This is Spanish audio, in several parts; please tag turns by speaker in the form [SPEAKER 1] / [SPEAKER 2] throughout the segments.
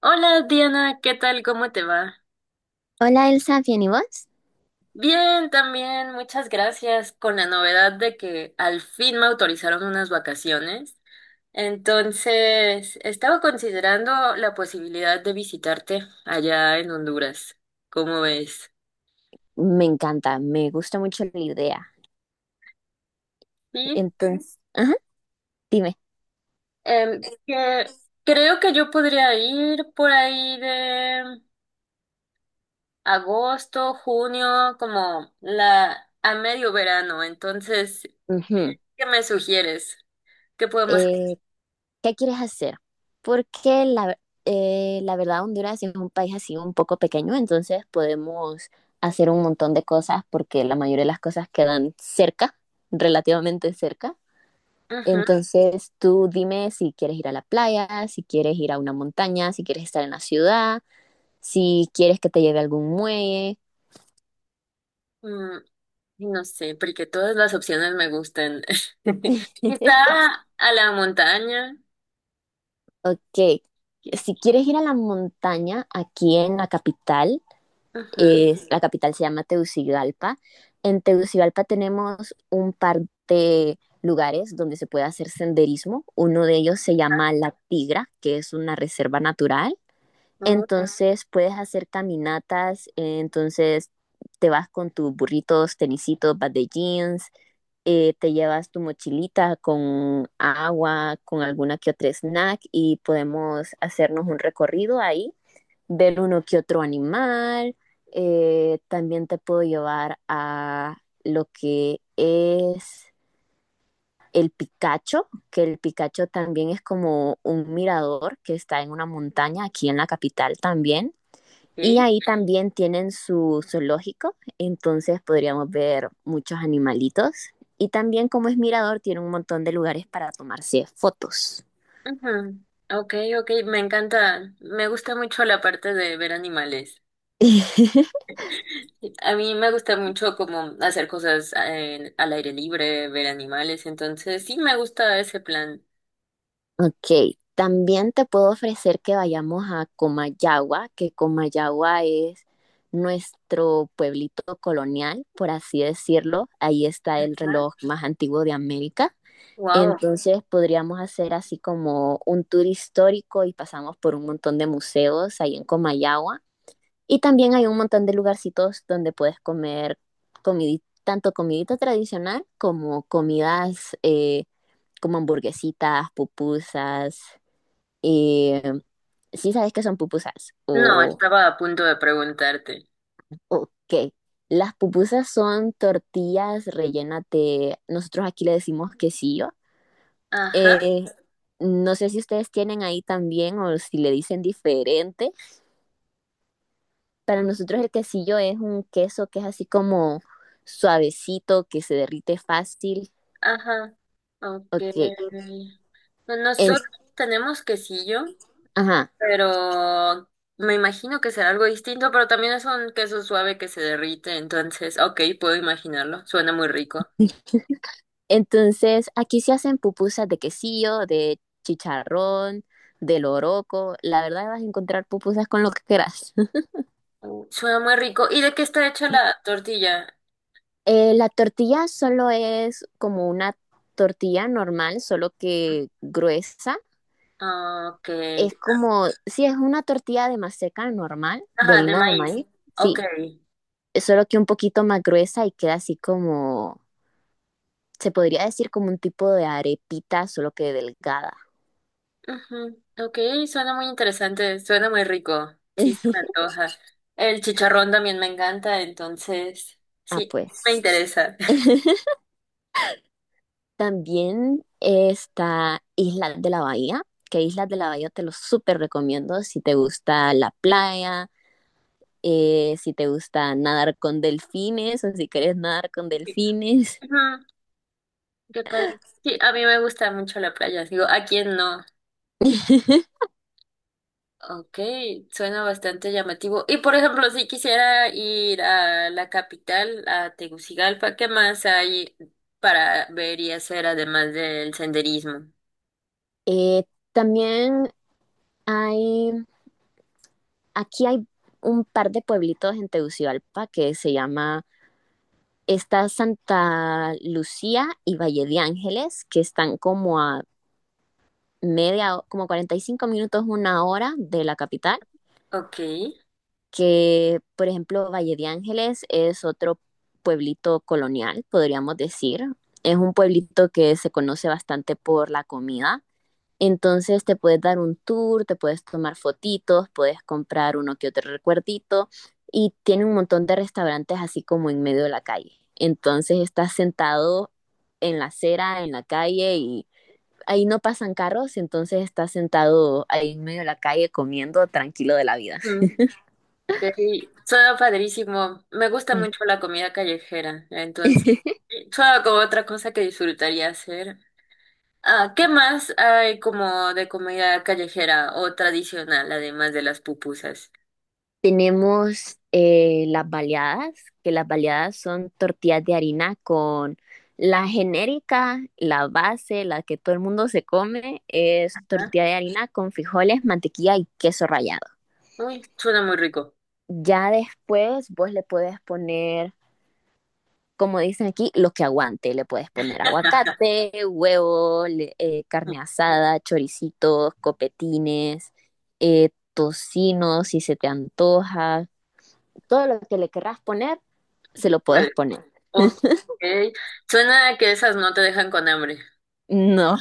[SPEAKER 1] Hola Diana, ¿qué tal? ¿Cómo te va?
[SPEAKER 2] Hola Elsa, ¿bien y vos?
[SPEAKER 1] Bien, también, muchas gracias. Con la novedad de que al fin me autorizaron unas vacaciones. Entonces, estaba considerando la posibilidad de visitarte allá en Honduras. ¿Cómo ves?
[SPEAKER 2] Me encanta, me gusta mucho la idea.
[SPEAKER 1] Sí,
[SPEAKER 2] Entonces, ajá, dime.
[SPEAKER 1] que creo que yo podría ir por ahí de agosto, junio, como la a medio verano. Entonces,
[SPEAKER 2] Ujú,
[SPEAKER 1] ¿qué me sugieres? ¿Qué podemos
[SPEAKER 2] eh, ¿qué quieres hacer? Porque la verdad, Honduras es un país así un poco pequeño. Entonces, podemos hacer un montón de cosas porque la mayoría de las cosas quedan cerca, relativamente cerca.
[SPEAKER 1] ajá,
[SPEAKER 2] Entonces, tú dime si quieres ir a la playa, si quieres ir a una montaña, si quieres estar en la ciudad, si quieres que te lleve a algún muelle.
[SPEAKER 1] mm, no sé, porque todas las opciones me gustan. Quizá a la montaña.
[SPEAKER 2] Ok,
[SPEAKER 1] que-
[SPEAKER 2] si quieres ir a la montaña aquí en la capital,
[SPEAKER 1] Ajá,
[SPEAKER 2] la capital se llama Tegucigalpa. En Tegucigalpa tenemos un par de lugares donde se puede hacer senderismo. Uno de ellos se llama La Tigra, que es una reserva natural. Entonces puedes hacer caminatas. Entonces te vas con tus burritos, tenisitos, vas de jeans. Te llevas tu mochilita con agua, con alguna que otra snack y podemos hacernos un recorrido ahí, ver uno que otro animal. También te puedo llevar a lo que es el Picacho, que el Picacho también es como un mirador que está en una montaña aquí en la capital también. Y
[SPEAKER 1] ok.
[SPEAKER 2] ahí también tienen su zoológico, entonces podríamos ver muchos animalitos. Y también, como es mirador, tiene un montón de lugares para tomarse fotos.
[SPEAKER 1] Ajá, ok, ok, me encanta. Me gusta mucho la parte de ver animales. Sí, a mí me gusta mucho como hacer cosas al aire libre, ver animales, entonces sí me gusta ese plan.
[SPEAKER 2] Ok, también te puedo ofrecer que vayamos a Comayagua, que Comayagua es nuestro pueblito colonial, por así decirlo. Ahí está el reloj más antiguo de América.
[SPEAKER 1] Wow.
[SPEAKER 2] Entonces podríamos hacer así como un tour histórico y pasamos por un montón de museos ahí en Comayagua. Y también hay un montón de lugarcitos donde puedes comer tanto comidita tradicional como comidas, como hamburguesitas, pupusas. Eh, ¿Sí sabes qué son pupusas?
[SPEAKER 1] No, estaba a punto de preguntarte.
[SPEAKER 2] Ok. Las pupusas son tortillas rellenas nosotros aquí le decimos quesillo.
[SPEAKER 1] Ajá.
[SPEAKER 2] Eh, no sé si ustedes tienen ahí también o si le dicen diferente. Para nosotros el quesillo es un queso que es así como suavecito, que se derrite fácil.
[SPEAKER 1] Ajá, ok.
[SPEAKER 2] Ok.
[SPEAKER 1] Pues
[SPEAKER 2] En-
[SPEAKER 1] nosotros tenemos quesillo,
[SPEAKER 2] ajá.
[SPEAKER 1] pero me imagino que será algo distinto, pero también es un queso suave que se derrite, entonces, ok, puedo imaginarlo, suena muy rico.
[SPEAKER 2] Entonces, aquí se hacen pupusas de quesillo, de chicharrón, de loroco. La verdad vas a encontrar pupusas con lo que quieras.
[SPEAKER 1] Mm. Suena muy rico. ¿Y de qué está hecha la tortilla?
[SPEAKER 2] La tortilla solo es como una tortilla normal, solo que gruesa.
[SPEAKER 1] Ah, ok.
[SPEAKER 2] Es como, sí, es una tortilla de maseca normal, de
[SPEAKER 1] Ajá, de
[SPEAKER 2] harina de
[SPEAKER 1] maíz.
[SPEAKER 2] maíz,
[SPEAKER 1] Ok.
[SPEAKER 2] sí, solo que un poquito más gruesa y queda así como, se podría decir, como un tipo de arepita, solo que delgada.
[SPEAKER 1] Ujú, ok, suena muy interesante, suena muy rico. Sí, se me antoja. El chicharrón también me encanta, entonces,
[SPEAKER 2] Ah,
[SPEAKER 1] sí, me
[SPEAKER 2] pues.
[SPEAKER 1] interesa.
[SPEAKER 2] También está Islas de la Bahía, que Islas de la Bahía te lo súper recomiendo si te gusta la playa, si te gusta nadar con delfines o si quieres nadar con delfines.
[SPEAKER 1] Ajá, qué padre. Sí, a mí me gusta mucho la playa. Digo, ¿a quién no? Ok, suena bastante llamativo. Y por ejemplo, si quisiera ir a la capital, a Tegucigalpa, ¿qué más hay para ver y hacer además del senderismo?
[SPEAKER 2] Eh, También Hay, aquí hay un par de pueblitos en Tegucigalpa que se llama, está Santa Lucía y Valle de Ángeles, que están como a como 45 minutos, una hora de la capital,
[SPEAKER 1] Ok.
[SPEAKER 2] que por ejemplo Valle de Ángeles es otro pueblito colonial, podríamos decir. Es un pueblito que se conoce bastante por la comida. Entonces te puedes dar un tour, te puedes tomar fotitos, puedes comprar uno que otro recuerdito y tiene un montón de restaurantes así como en medio de la calle. Entonces estás sentado en la acera, en la calle, y ahí no pasan carros, entonces estás sentado ahí en medio de la calle comiendo tranquilo de la vida.
[SPEAKER 1] Mm, sí, suena padrísimo. Me gusta mucho la comida callejera, entonces. Suena como otra cosa que disfrutaría hacer. Ah, ¿qué más hay como de comida callejera o tradicional, además de las pupusas?
[SPEAKER 2] Tenemos, las baleadas, que las baleadas son tortillas de harina con la genérica, la base, la que todo el mundo se come, es
[SPEAKER 1] Ajá.
[SPEAKER 2] tortilla de harina con frijoles, mantequilla y queso rallado.
[SPEAKER 1] Uy, suena muy rico.
[SPEAKER 2] Ya después vos le puedes poner, como dicen aquí, lo que aguante. Le puedes poner aguacate, huevo, carne asada, choricitos, copetines, tocino, si se te antoja, todo lo que le querrás poner se lo puedes
[SPEAKER 1] Puede.
[SPEAKER 2] poner.
[SPEAKER 1] Ok. Suena a que esas no te dejan con hambre.
[SPEAKER 2] No.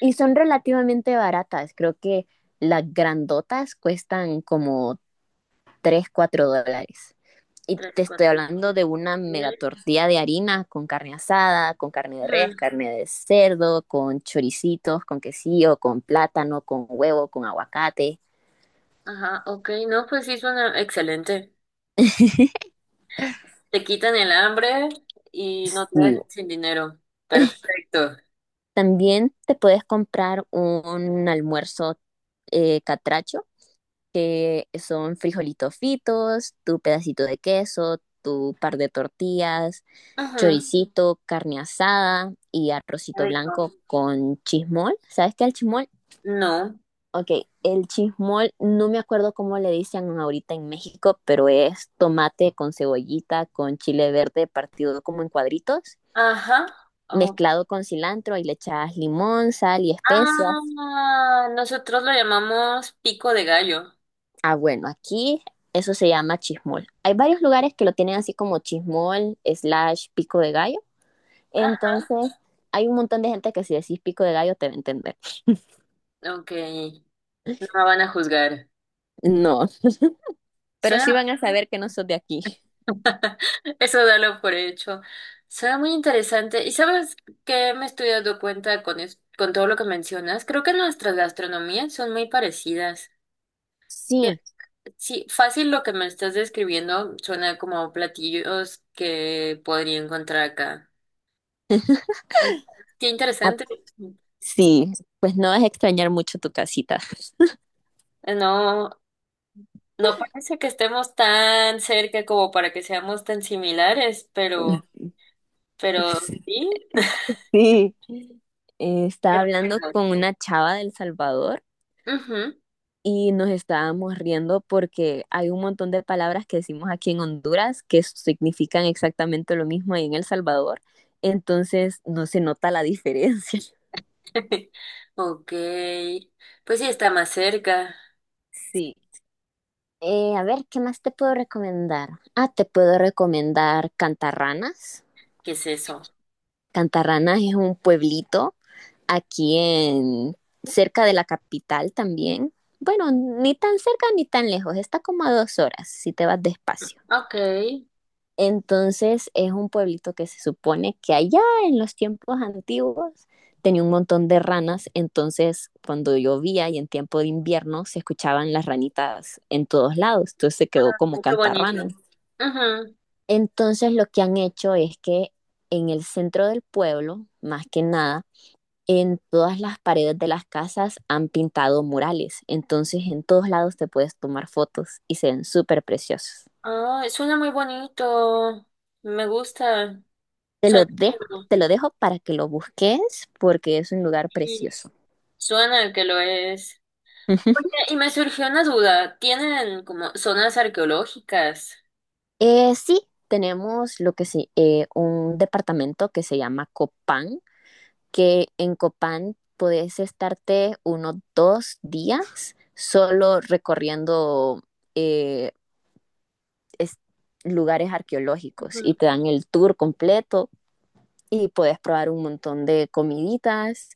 [SPEAKER 2] Y son relativamente baratas. Creo que las grandotas cuestan como 3 4 dólares. Y
[SPEAKER 1] Tres,
[SPEAKER 2] te estoy
[SPEAKER 1] cuatro.
[SPEAKER 2] hablando de una mega
[SPEAKER 1] Siete.
[SPEAKER 2] tortilla de harina con carne asada, con carne de res,
[SPEAKER 1] Ujú.
[SPEAKER 2] carne de cerdo, con choricitos, con quesillo, con plátano, con huevo, con aguacate.
[SPEAKER 1] Ajá, ok. No, pues sí, suena excelente. Te quitan el hambre y no te
[SPEAKER 2] Sí.
[SPEAKER 1] dejan sin dinero. Perfecto.
[SPEAKER 2] También te puedes comprar un almuerzo, catracho, que son frijolitos fritos, tu pedacito de queso, tu par de tortillas,
[SPEAKER 1] Ujú.
[SPEAKER 2] choricito, carne asada y arrocito
[SPEAKER 1] Rico.
[SPEAKER 2] blanco con chismol. ¿Sabes qué es el chismol?
[SPEAKER 1] No. No.
[SPEAKER 2] Ok, el chismol, no me acuerdo cómo le dicen ahorita en México, pero es tomate con cebollita, con chile verde partido como en cuadritos,
[SPEAKER 1] Ajá. Ok.
[SPEAKER 2] mezclado con cilantro y le echas limón, sal y especias.
[SPEAKER 1] Ah, nosotros lo llamamos pico de gallo.
[SPEAKER 2] Ah, bueno, aquí eso se llama chismol. Hay varios lugares que lo tienen así como chismol slash pico de gallo.
[SPEAKER 1] Ah,
[SPEAKER 2] Entonces, hay un montón de gente que si decís pico de gallo te va a entender.
[SPEAKER 1] ok, no me van a juzgar.
[SPEAKER 2] No, pero sí
[SPEAKER 1] Suena,
[SPEAKER 2] van a saber que no sos de aquí.
[SPEAKER 1] eso dalo por hecho. Suena muy interesante. ¿Y sabes qué me estoy dando cuenta con, con todo lo que mencionas? Creo que nuestras gastronomías son muy parecidas. Que,
[SPEAKER 2] Sí,
[SPEAKER 1] sí, fácil lo que me estás describiendo suena como platillos que podría encontrar acá. Qué
[SPEAKER 2] ah,
[SPEAKER 1] interesante.
[SPEAKER 2] sí, pues no vas a extrañar mucho tu casita.
[SPEAKER 1] No, no parece que estemos tan cerca como para que seamos tan similares, pero sí.
[SPEAKER 2] Sí,
[SPEAKER 1] Qué
[SPEAKER 2] estaba hablando
[SPEAKER 1] raro.
[SPEAKER 2] con una chava del Salvador
[SPEAKER 1] Ujú.
[SPEAKER 2] y nos estábamos riendo porque hay un montón de palabras que decimos aquí en Honduras que significan exactamente lo mismo ahí en El Salvador, entonces no se nota la diferencia.
[SPEAKER 1] Ok. Pues sí está más cerca.
[SPEAKER 2] Sí. A ver, ¿qué más te puedo recomendar? Ah, te puedo recomendar Cantarranas.
[SPEAKER 1] ¿Qué es eso?
[SPEAKER 2] Cantarranas es un pueblito aquí, en cerca de la capital también. Bueno, ni tan cerca ni tan lejos, está como a 2 horas si te vas despacio.
[SPEAKER 1] Ok. Ay,
[SPEAKER 2] Entonces es un pueblito que se supone que allá en los tiempos antiguos tenía un montón de ranas, entonces cuando llovía y en tiempo de invierno se escuchaban las ranitas en todos lados, entonces se quedó como
[SPEAKER 1] qué bonito.
[SPEAKER 2] Cantarranas.
[SPEAKER 1] Ujú.
[SPEAKER 2] Entonces lo que han hecho es que en el centro del pueblo, más que nada, en todas las paredes de las casas han pintado murales, entonces en todos lados te puedes tomar fotos y se ven súper preciosos.
[SPEAKER 1] Ah, suena muy bonito. Me gusta. Suena,
[SPEAKER 2] Te lo dejo para que lo busques porque es un lugar
[SPEAKER 1] sí,
[SPEAKER 2] precioso.
[SPEAKER 1] suena que lo es. Oye, y me surgió una duda. ¿Tienen como zonas arqueológicas?
[SPEAKER 2] Sí, tenemos lo que sí, un departamento que se llama Copán, que en Copán puedes estarte unos 2 días solo recorriendo, eh, es- lugares arqueológicos y
[SPEAKER 1] Ujú.
[SPEAKER 2] te dan el tour completo y puedes probar un montón de comiditas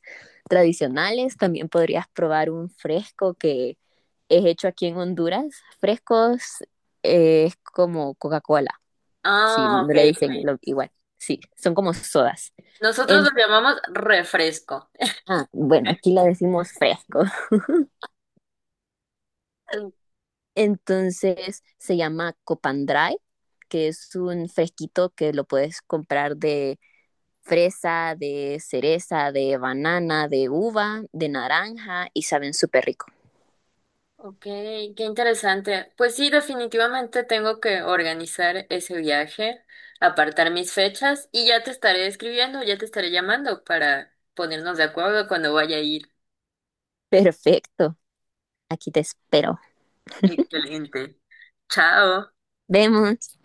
[SPEAKER 2] tradicionales. También podrías probar un fresco que es hecho aquí en Honduras. Frescos, es como Coca-Cola, sí
[SPEAKER 1] Ah,
[SPEAKER 2] no
[SPEAKER 1] ok,
[SPEAKER 2] le dicen
[SPEAKER 1] ok.
[SPEAKER 2] igual. Sí, son como sodas.
[SPEAKER 1] Nosotros
[SPEAKER 2] En-
[SPEAKER 1] lo llamamos refresco.
[SPEAKER 2] ah, bueno, aquí la decimos fresco.
[SPEAKER 1] Mm,
[SPEAKER 2] Entonces se llama Copandray, que es un fresquito que lo puedes comprar de fresa, de cereza, de banana, de uva, de naranja y saben súper rico.
[SPEAKER 1] ok, qué interesante. Pues sí, definitivamente tengo que organizar ese viaje, apartar mis fechas y ya te estaré escribiendo, ya te estaré llamando para ponernos de acuerdo cuando vaya a ir.
[SPEAKER 2] Perfecto, aquí te espero.
[SPEAKER 1] Excelente. Chao.
[SPEAKER 2] Vemos.